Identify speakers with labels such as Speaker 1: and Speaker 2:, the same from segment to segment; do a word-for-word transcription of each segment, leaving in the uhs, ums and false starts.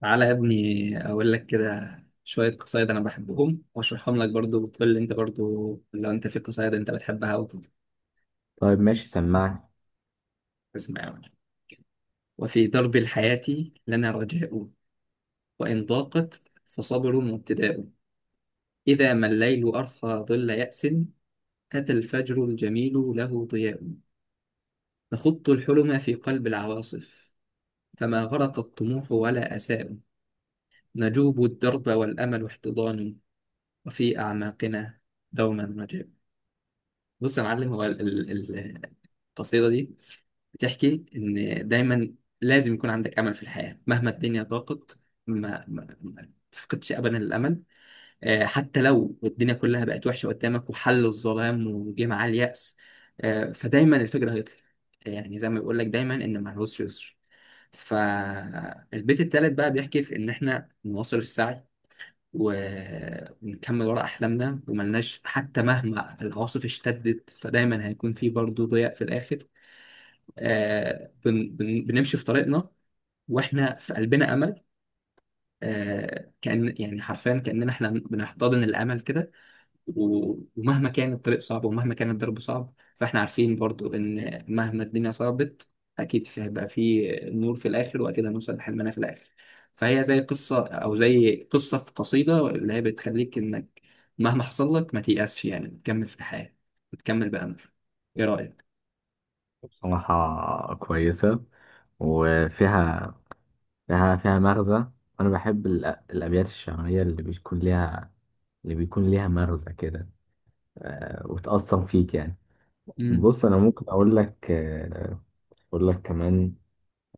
Speaker 1: تعالى يا ابني، اقول لك كده. شويه قصايد انا بحبهم واشرحهم لك برضو، وتقول لي انت برضو لو انت في قصايد انت بتحبها وكده.
Speaker 2: طيب ماشي سمعني.
Speaker 1: اسمع يا معلم. وفي درب الحياه لنا رجاء، وان ضاقت فصبر وابتداء. اذا ما الليل ارخى ظل ياس، اتى الفجر الجميل له ضياء. نخط الحلم في قلب العواصف، فما غرق الطموح ولا اساء. نجوب الدرب والامل احتضان، وفي اعماقنا دوما رجاء. بص يا معلم، هو ال- ال- ال- القصيدة دي بتحكي إن دايما لازم يكون عندك أمل في الحياة مهما الدنيا ضاقت. ما, ما, ما تفقدش أبدا الأمل. آه، حتى لو الدنيا كلها بقت وحشة قدامك وحل الظلام وجه معاه اليأس، آه، فدايما الفجر هيطلع. يعني زي ما بيقول لك دايما إن مع العسر يسر. فالبيت التالت بقى بيحكي في إن إحنا نواصل السعي و- ونكمل ورا أحلامنا وملناش، حتى مهما العواصف اشتدت فدايما هيكون في برضه ضياء في الآخر. آه بن بن بنمشي في طريقنا وإحنا في قلبنا أمل. آه، كأن يعني حرفيا كأننا احنا بنحتضن الأمل كده. و- ومهما كان الطريق صعب ومهما كان الضرب صعب، فاحنا عارفين برضو إن مهما الدنيا صعبت أكيد في هيبقى في نور في الآخر، وأكيد هنوصل لحلمنا في الآخر. فهي زي قصة، أو زي قصة في قصيدة اللي هي بتخليك إنك مهما حصل لك ما تيأسش، يعني تكمل في الحياة وتكمل بأمل. إيه رأيك؟
Speaker 2: بصراحة كويسة، وفيها فيها فيها مغزى. أنا بحب الأ- الأبيات الشعرية اللي بيكون ليها، اللي بيكون ليها مغزى كده، آه، وتأثر فيك يعني.
Speaker 1: مم.
Speaker 2: بص أنا ممكن أقول لك، آه، أقول لك كمان.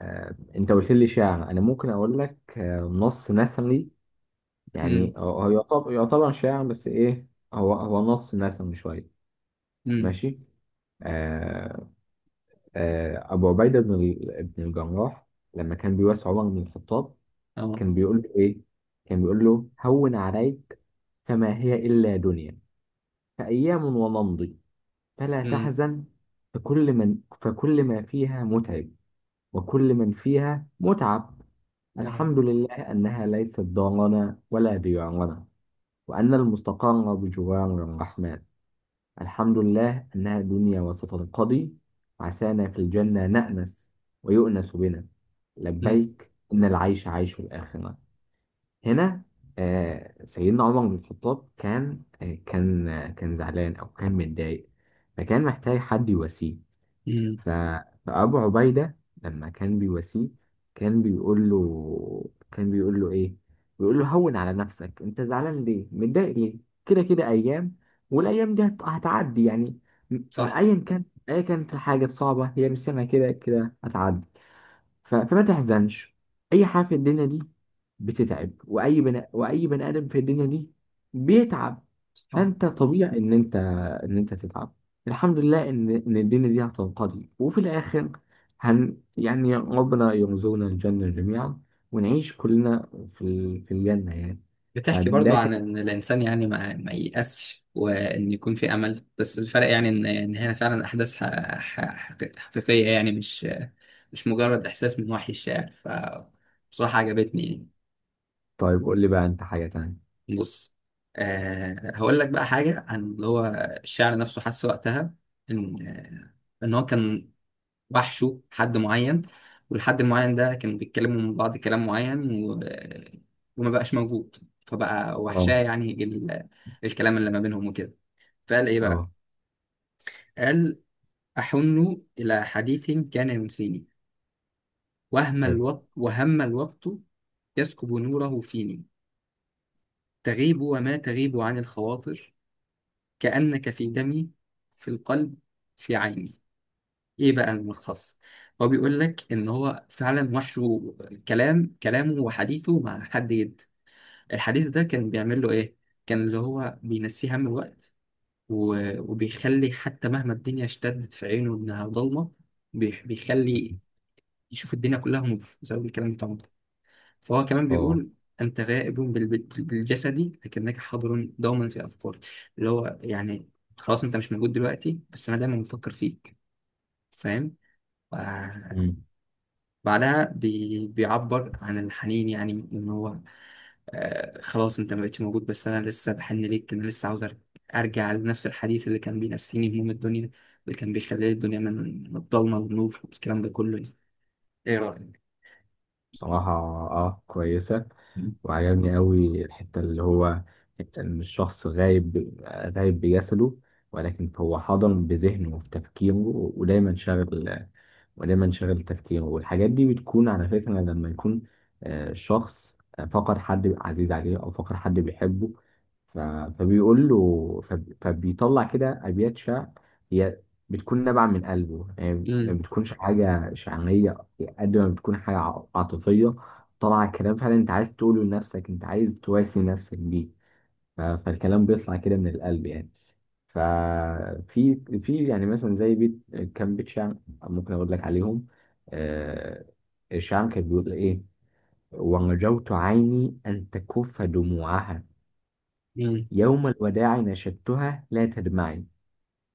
Speaker 2: آه، أنت قلت لي شعر، أنا ممكن أقول لك آه، نص نثري.
Speaker 1: مم.
Speaker 2: يعني هو هو يعتبر يعتبر شعر بس إيه، هو هو نص نثري شوية.
Speaker 1: مم.
Speaker 2: ماشي. آه، آه، أبو عبيدة بن ال- بن الجراح لما كان بيواسي عمر بن الخطاب
Speaker 1: أه.
Speaker 2: كان بيقول له إيه؟ كان بيقول له: هون عليك، فما هي إلا دنيا، فأيام ونمضي، فلا
Speaker 1: مم.
Speaker 2: تحزن، فكل من فكل ما فيها متعب، وكل من فيها متعب.
Speaker 1: آه.
Speaker 2: الحمد لله أنها ليست دارنا ولا ديارنا، وأن المستقر بجوار الرحمن. الحمد لله أنها دنيا وستنقضي، عسانا في الجنة نأنس ويؤنس بنا،
Speaker 1: مم.
Speaker 2: لبيك إن العيش عيش الآخرة. هنا آه سيدنا عمر بن الخطاب كان، آه كان آه كان زعلان أو كان متضايق، فكان محتاج حد يواسيه.
Speaker 1: مم.
Speaker 2: ف- فأبو عبيدة لما كان بيواسيه كان بيقول له، كان بيقول له إيه؟ بيقول له: هون على نفسك، أنت زعلان ليه؟ متضايق ليه؟ كده كده أيام، والأيام دي هت- هتعدي يعني. م- م-
Speaker 1: صح.
Speaker 2: أيا كان، أيا كانت الحاجة الصعبة، هي مش سامعة، كده كده هتعدي. ف- فما تحزنش. اي حاجه في الدنيا دي بتتعب، واي بني واي بني ادم في الدنيا دي بيتعب.
Speaker 1: صح.
Speaker 2: فانت طبيعي ان انت، ان انت تتعب. الحمد لله ان ان الدنيا دي هتنقضي، وفي الاخر هن يعني ربنا يرزقنا الجنه جميعا، ونعيش كلنا في ال... في الجنه يعني.
Speaker 1: بتحكي برضو
Speaker 2: فده
Speaker 1: عن
Speaker 2: كان.
Speaker 1: ان الانسان يعني ما, ما ييأسش، وان يكون في امل. بس الفرق يعني ان ان هنا فعلا احداث ح- ح- حقيق- حقيقيه، يعني مش مش مجرد احساس من وحي الشاعر، فبصراحه عجبتني.
Speaker 2: طيب قول لي بقى انت حاجه تانية.
Speaker 1: بص. أه هقول لك بقى حاجه عن اللي هو الشاعر نفسه حس وقتها ان آه، ان هو كان وحشوا حد معين، والحد المعين ده كانوا بيتكلموا من بعض كلام معين و... وما بقاش موجود، فبقى
Speaker 2: اه
Speaker 1: وحشاه يعني ال... الكلام اللي ما بينهم وكده. فقال ايه بقى؟
Speaker 2: اه
Speaker 1: قال: أحن إلى حديث كان ينسيني وهم
Speaker 2: حلو
Speaker 1: الوقت، وهم الوقت يسكب نوره فيني. تغيب وما تغيب عن الخواطر، كأنك في دمي، في القلب، في عيني. ايه بقى الملخص؟ هو بيقول لك ان هو فعلا وحشه كلام كلامه وحديثه مع حد جد. الحديث ده كان بيعمل له ايه؟ كان اللي هو بينسيه هم الوقت، و- وبيخلي حتى مهما الدنيا اشتدت في عينه انها ضلمه، بيح- بيخلي يشوف الدنيا كلها نور بسبب الكلام بتاعه ده. فهو كمان
Speaker 2: اه.
Speaker 1: بيقول: انت غائب بال- بال- بالجسد، لكنك حاضر دوما في افكاري. اللي هو يعني خلاص انت مش موجود دلوقتي، بس انا دايما بفكر فيك، فاهم؟ بعدها بي... بيعبر عن الحنين، يعني ان هو آه خلاص انت ما بقتش موجود، بس انا لسه بحن ليك، انا لسه عاوز أر- ارجع لنفس الحديث اللي كان بينسيني هموم الدنيا، اللي كان بيخلي الدنيا من من الضلمه للنور، والكلام ده كله يعني. ايه رايك؟
Speaker 2: بصراحة اه كويسة، وعجبني قوي الحتة اللي هو إن الشخص غايب، غايب بجسده ولكن هو حاضر بذهنه وفي تفكيره. ودايما شاغل، ودايما شاغل تفكيره. والحاجات دي بتكون على فكرة لما يكون آه، شخص، آه، فقد حد عزيز عليه أو فقد حد بيحبه. ف- فبيقول له، فب- فبيطلع كده أبيات شعر. هي بتكون نابعة من قلبه يعني، ما
Speaker 1: امم.
Speaker 2: بتكونش حاجة شعرية قد ما بتكون حاجة ع- عاطفية. طلع كلام فعلا انت عايز تقوله لنفسك، انت عايز تواسي نفسك بيه. ف- فالكلام بيطلع كده من القلب يعني. ففي في يعني مثلا زي بيت، كام بيت شعر ممكن اقول لك عليهم. آه، الشعر كان بيقول ايه: ورجوت عيني ان تكف دموعها،
Speaker 1: امم.
Speaker 2: يوم الوداع نشدتها لا تدمعي،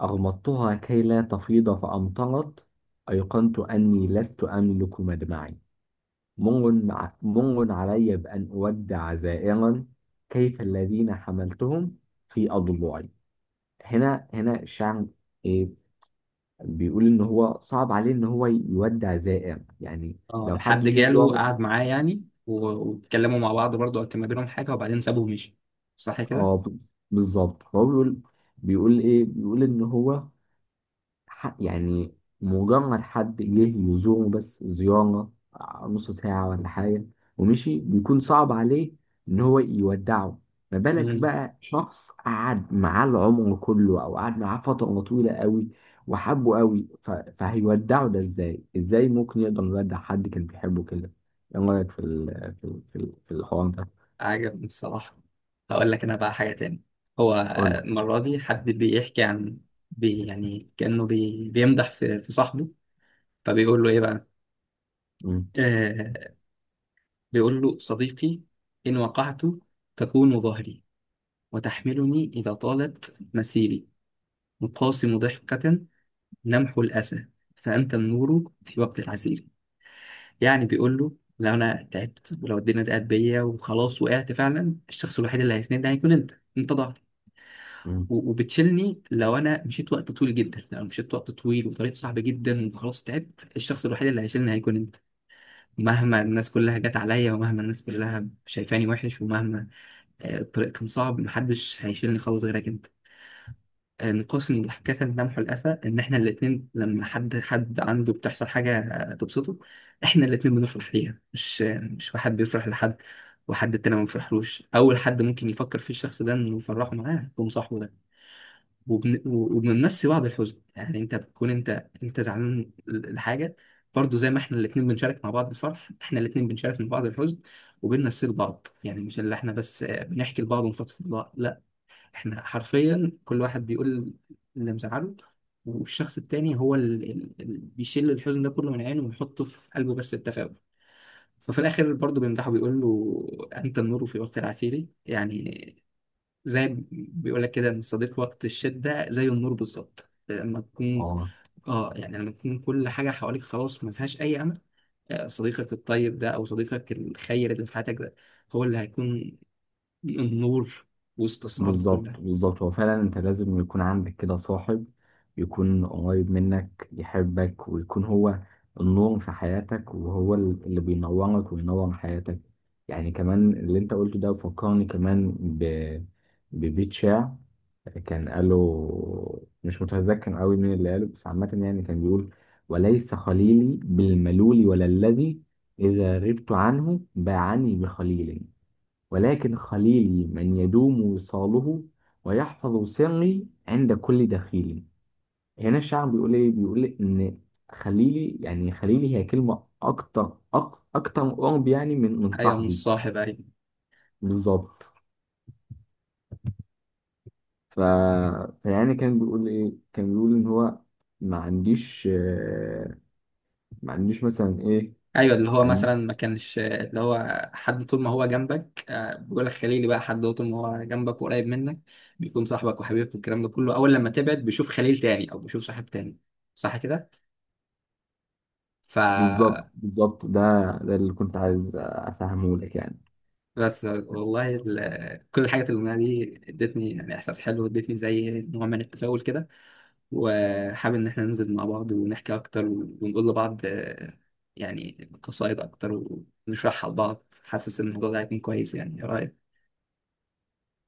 Speaker 2: اغمضتها كي لا تفيض فامطرت، ايقنت اني لست املك مدمعي، منغ ع- منغ علي بأن أودع زائرا، كيف الذين حملتهم في أضلوعي. هنا هنا الشاعر إيه، بيقول إن هو صعب عليه إن هو يودع زائر يعني.
Speaker 1: اه،
Speaker 2: لو حد
Speaker 1: حد
Speaker 2: جه
Speaker 1: جاله
Speaker 2: زار.
Speaker 1: قعد معاه يعني و- واتكلموا مع بعض برضه، أو كان ما بينهم حاجه وبعدين سابه ومشي. صح
Speaker 2: اه، بالظبط، هو بيقول، بيقول إيه بيقول إن هو، ح- يعني مجرد حد جه يزوره بس زيارة، نص ساعة ولا حاجة، ومشي، بيكون صعب عليه إن هو يودعه. ما بالك
Speaker 1: كده.
Speaker 2: بقى شخص قعد معاه العمر كله، أو قعد معاه فترة طويلة قوي وحبه قوي، ف... فهيودعه ده إزاي؟ إزاي ممكن يقدر يودع حد كان بيحبه كده؟ إيه رأيك في ال... في ال... في ال- في الحوار ده؟
Speaker 1: عجبني بصراحة. هقول لك أنا بقى حاجة تاني. هو
Speaker 2: قول لي.
Speaker 1: المرة دي حد بيحكي عن بي يعني كأنه بي بيمدح في في صاحبه. فبيقول له إيه بقى؟
Speaker 2: مم.
Speaker 1: آه، بيقول له: صديقي إن وقعت تكون ظهري، وتحملني إذا طالت مسيري. مقاسم ضحكة لمح الأسى، فأنت النور في وقت العسير. يعني بيقول له لو أنا تعبت، ولو الدنيا ضاقت بيا وخلاص وقعت فعلا، الشخص الوحيد اللي هيسندني هيكون أنت. أنت ظهري
Speaker 2: مم.
Speaker 1: و- وبتشيلني لو انا مشيت وقت طويل جدا. لو انا مشيت وقت طويل وطريق صعب جدا وخلاص تعبت، الشخص الوحيد اللي هيشيلني هيكون انت. مهما الناس كلها جت عليا، ومهما الناس كلها شايفاني وحش، ومهما آه، الطريق كان صعب، محدش هيشيلني خالص غيرك انت. آه، من قسم ضحكة لمح الأسى، إن إحنا الاتنين لما حد حد عنده بتحصل حاجة آه، تبسطه، إحنا الاتنين بنفرح ليها. مش آه، مش واحد بيفرح لحد، وحد التاني ما بيفرحلوش. أول حد ممكن يفكر فيه الشخص ده إنه يفرحه معاه يكون صاحبه ده. وبن... وبنمسي بعض الحزن، يعني انت بتكون انت انت زعلان لحاجه، برضو زي ما احنا الاثنين بنشارك مع بعض الفرح، احنا الاثنين بنشارك مع بعض الحزن. وبننسي لبعض، يعني مش اللي احنا بس آه، بنحكي لبعض ونفضفض لبعض، لا. احنا حرفيا كل واحد بيقول اللي مزعله، والشخص التاني هو اللي اللي بيشيل الحزن ده كله من عينه، ويحطه في قلبه بس التفاؤل. ففي الاخر برضه بيمدحه، بيقول له: انت النور في وقت العسير. يعني زي ما بيقول لك كده ان الصديق وقت الشده زي النور بالظبط. لما تكون،
Speaker 2: آه،
Speaker 1: اه يعني لما تكون كل حاجه حواليك خلاص ما فيهاش اي امل، آه، صديقك الطيب ده او صديقك الخير اللي في حياتك ده، هو اللي هيكون النور وسط الصعاب دي كلها.
Speaker 2: بالظبط بالظبط، هو فعلا انت لازم يكون عندك كده صاحب، يكون قريب منك يحبك، ويكون هو النور في حياتك، وهو ال- اللي بينورك وينور حياتك. يعني كمان اللي انت قلته ده فكرني كمان ب... ببيت شعر، كان قاله مش متذكر قوي مين اللي قاله، بس عامة يعني كان بيقول: وليس خليلي بالملول ولا الذي إذا غبت عنه باعني بخليل، ولكن خليلي من يدوم وصاله ويحفظ سري عند كل دخيل. هنا الشاعر بيقول ايه، بيقول ان خليلي، يعني خليلي هي كلمة اكتر، أك- اكتر قرب يعني من من
Speaker 1: ايوه، مش
Speaker 2: صاحبي.
Speaker 1: صاحب، ايوه.
Speaker 2: بالظبط. ف... فيعني كان بيقول ايه، كان بيقول ان هو ما عنديش آه، ما عنديش مثلا ايه،
Speaker 1: ايوه، اللي هو
Speaker 2: ما عنديش.
Speaker 1: مثلا ما كانش اللي هو حد طول ما هو جنبك. آه، بيقول لك خليلي بقى حد هو طول ما هو جنبك وقريب منك، بيكون صاحبك وحبيبك والكلام ده كله. اول لما تبعد بيشوف خليل تاني او بيشوف صاحب تاني. صح كده؟ ف
Speaker 2: بالظبط بالظبط، ده ده اللي كنت عايز افهمه لك يعني.
Speaker 1: بس والله، ال- كل الحاجات اللي قلناها دي ادتني يعني احساس حلو، ادتني زي نوع من التفاؤل كده، وحابب ان احنا ننزل مع بعض ونحكي اكتر ونقول لبعض آه، يعني قصايد اكتر، ونشرحها لبعض. حاسس ان الموضوع ده هيكون كويس. يعني ايه رايك؟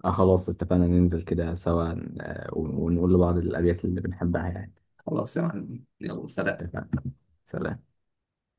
Speaker 2: اه خلاص اتفقنا ننزل كده سوا، آه، ونقول لبعض الأبيات اللي بنحبها يعني.
Speaker 1: خلاص يا معلم، يلا، سلام.
Speaker 2: اتفقنا. سلام.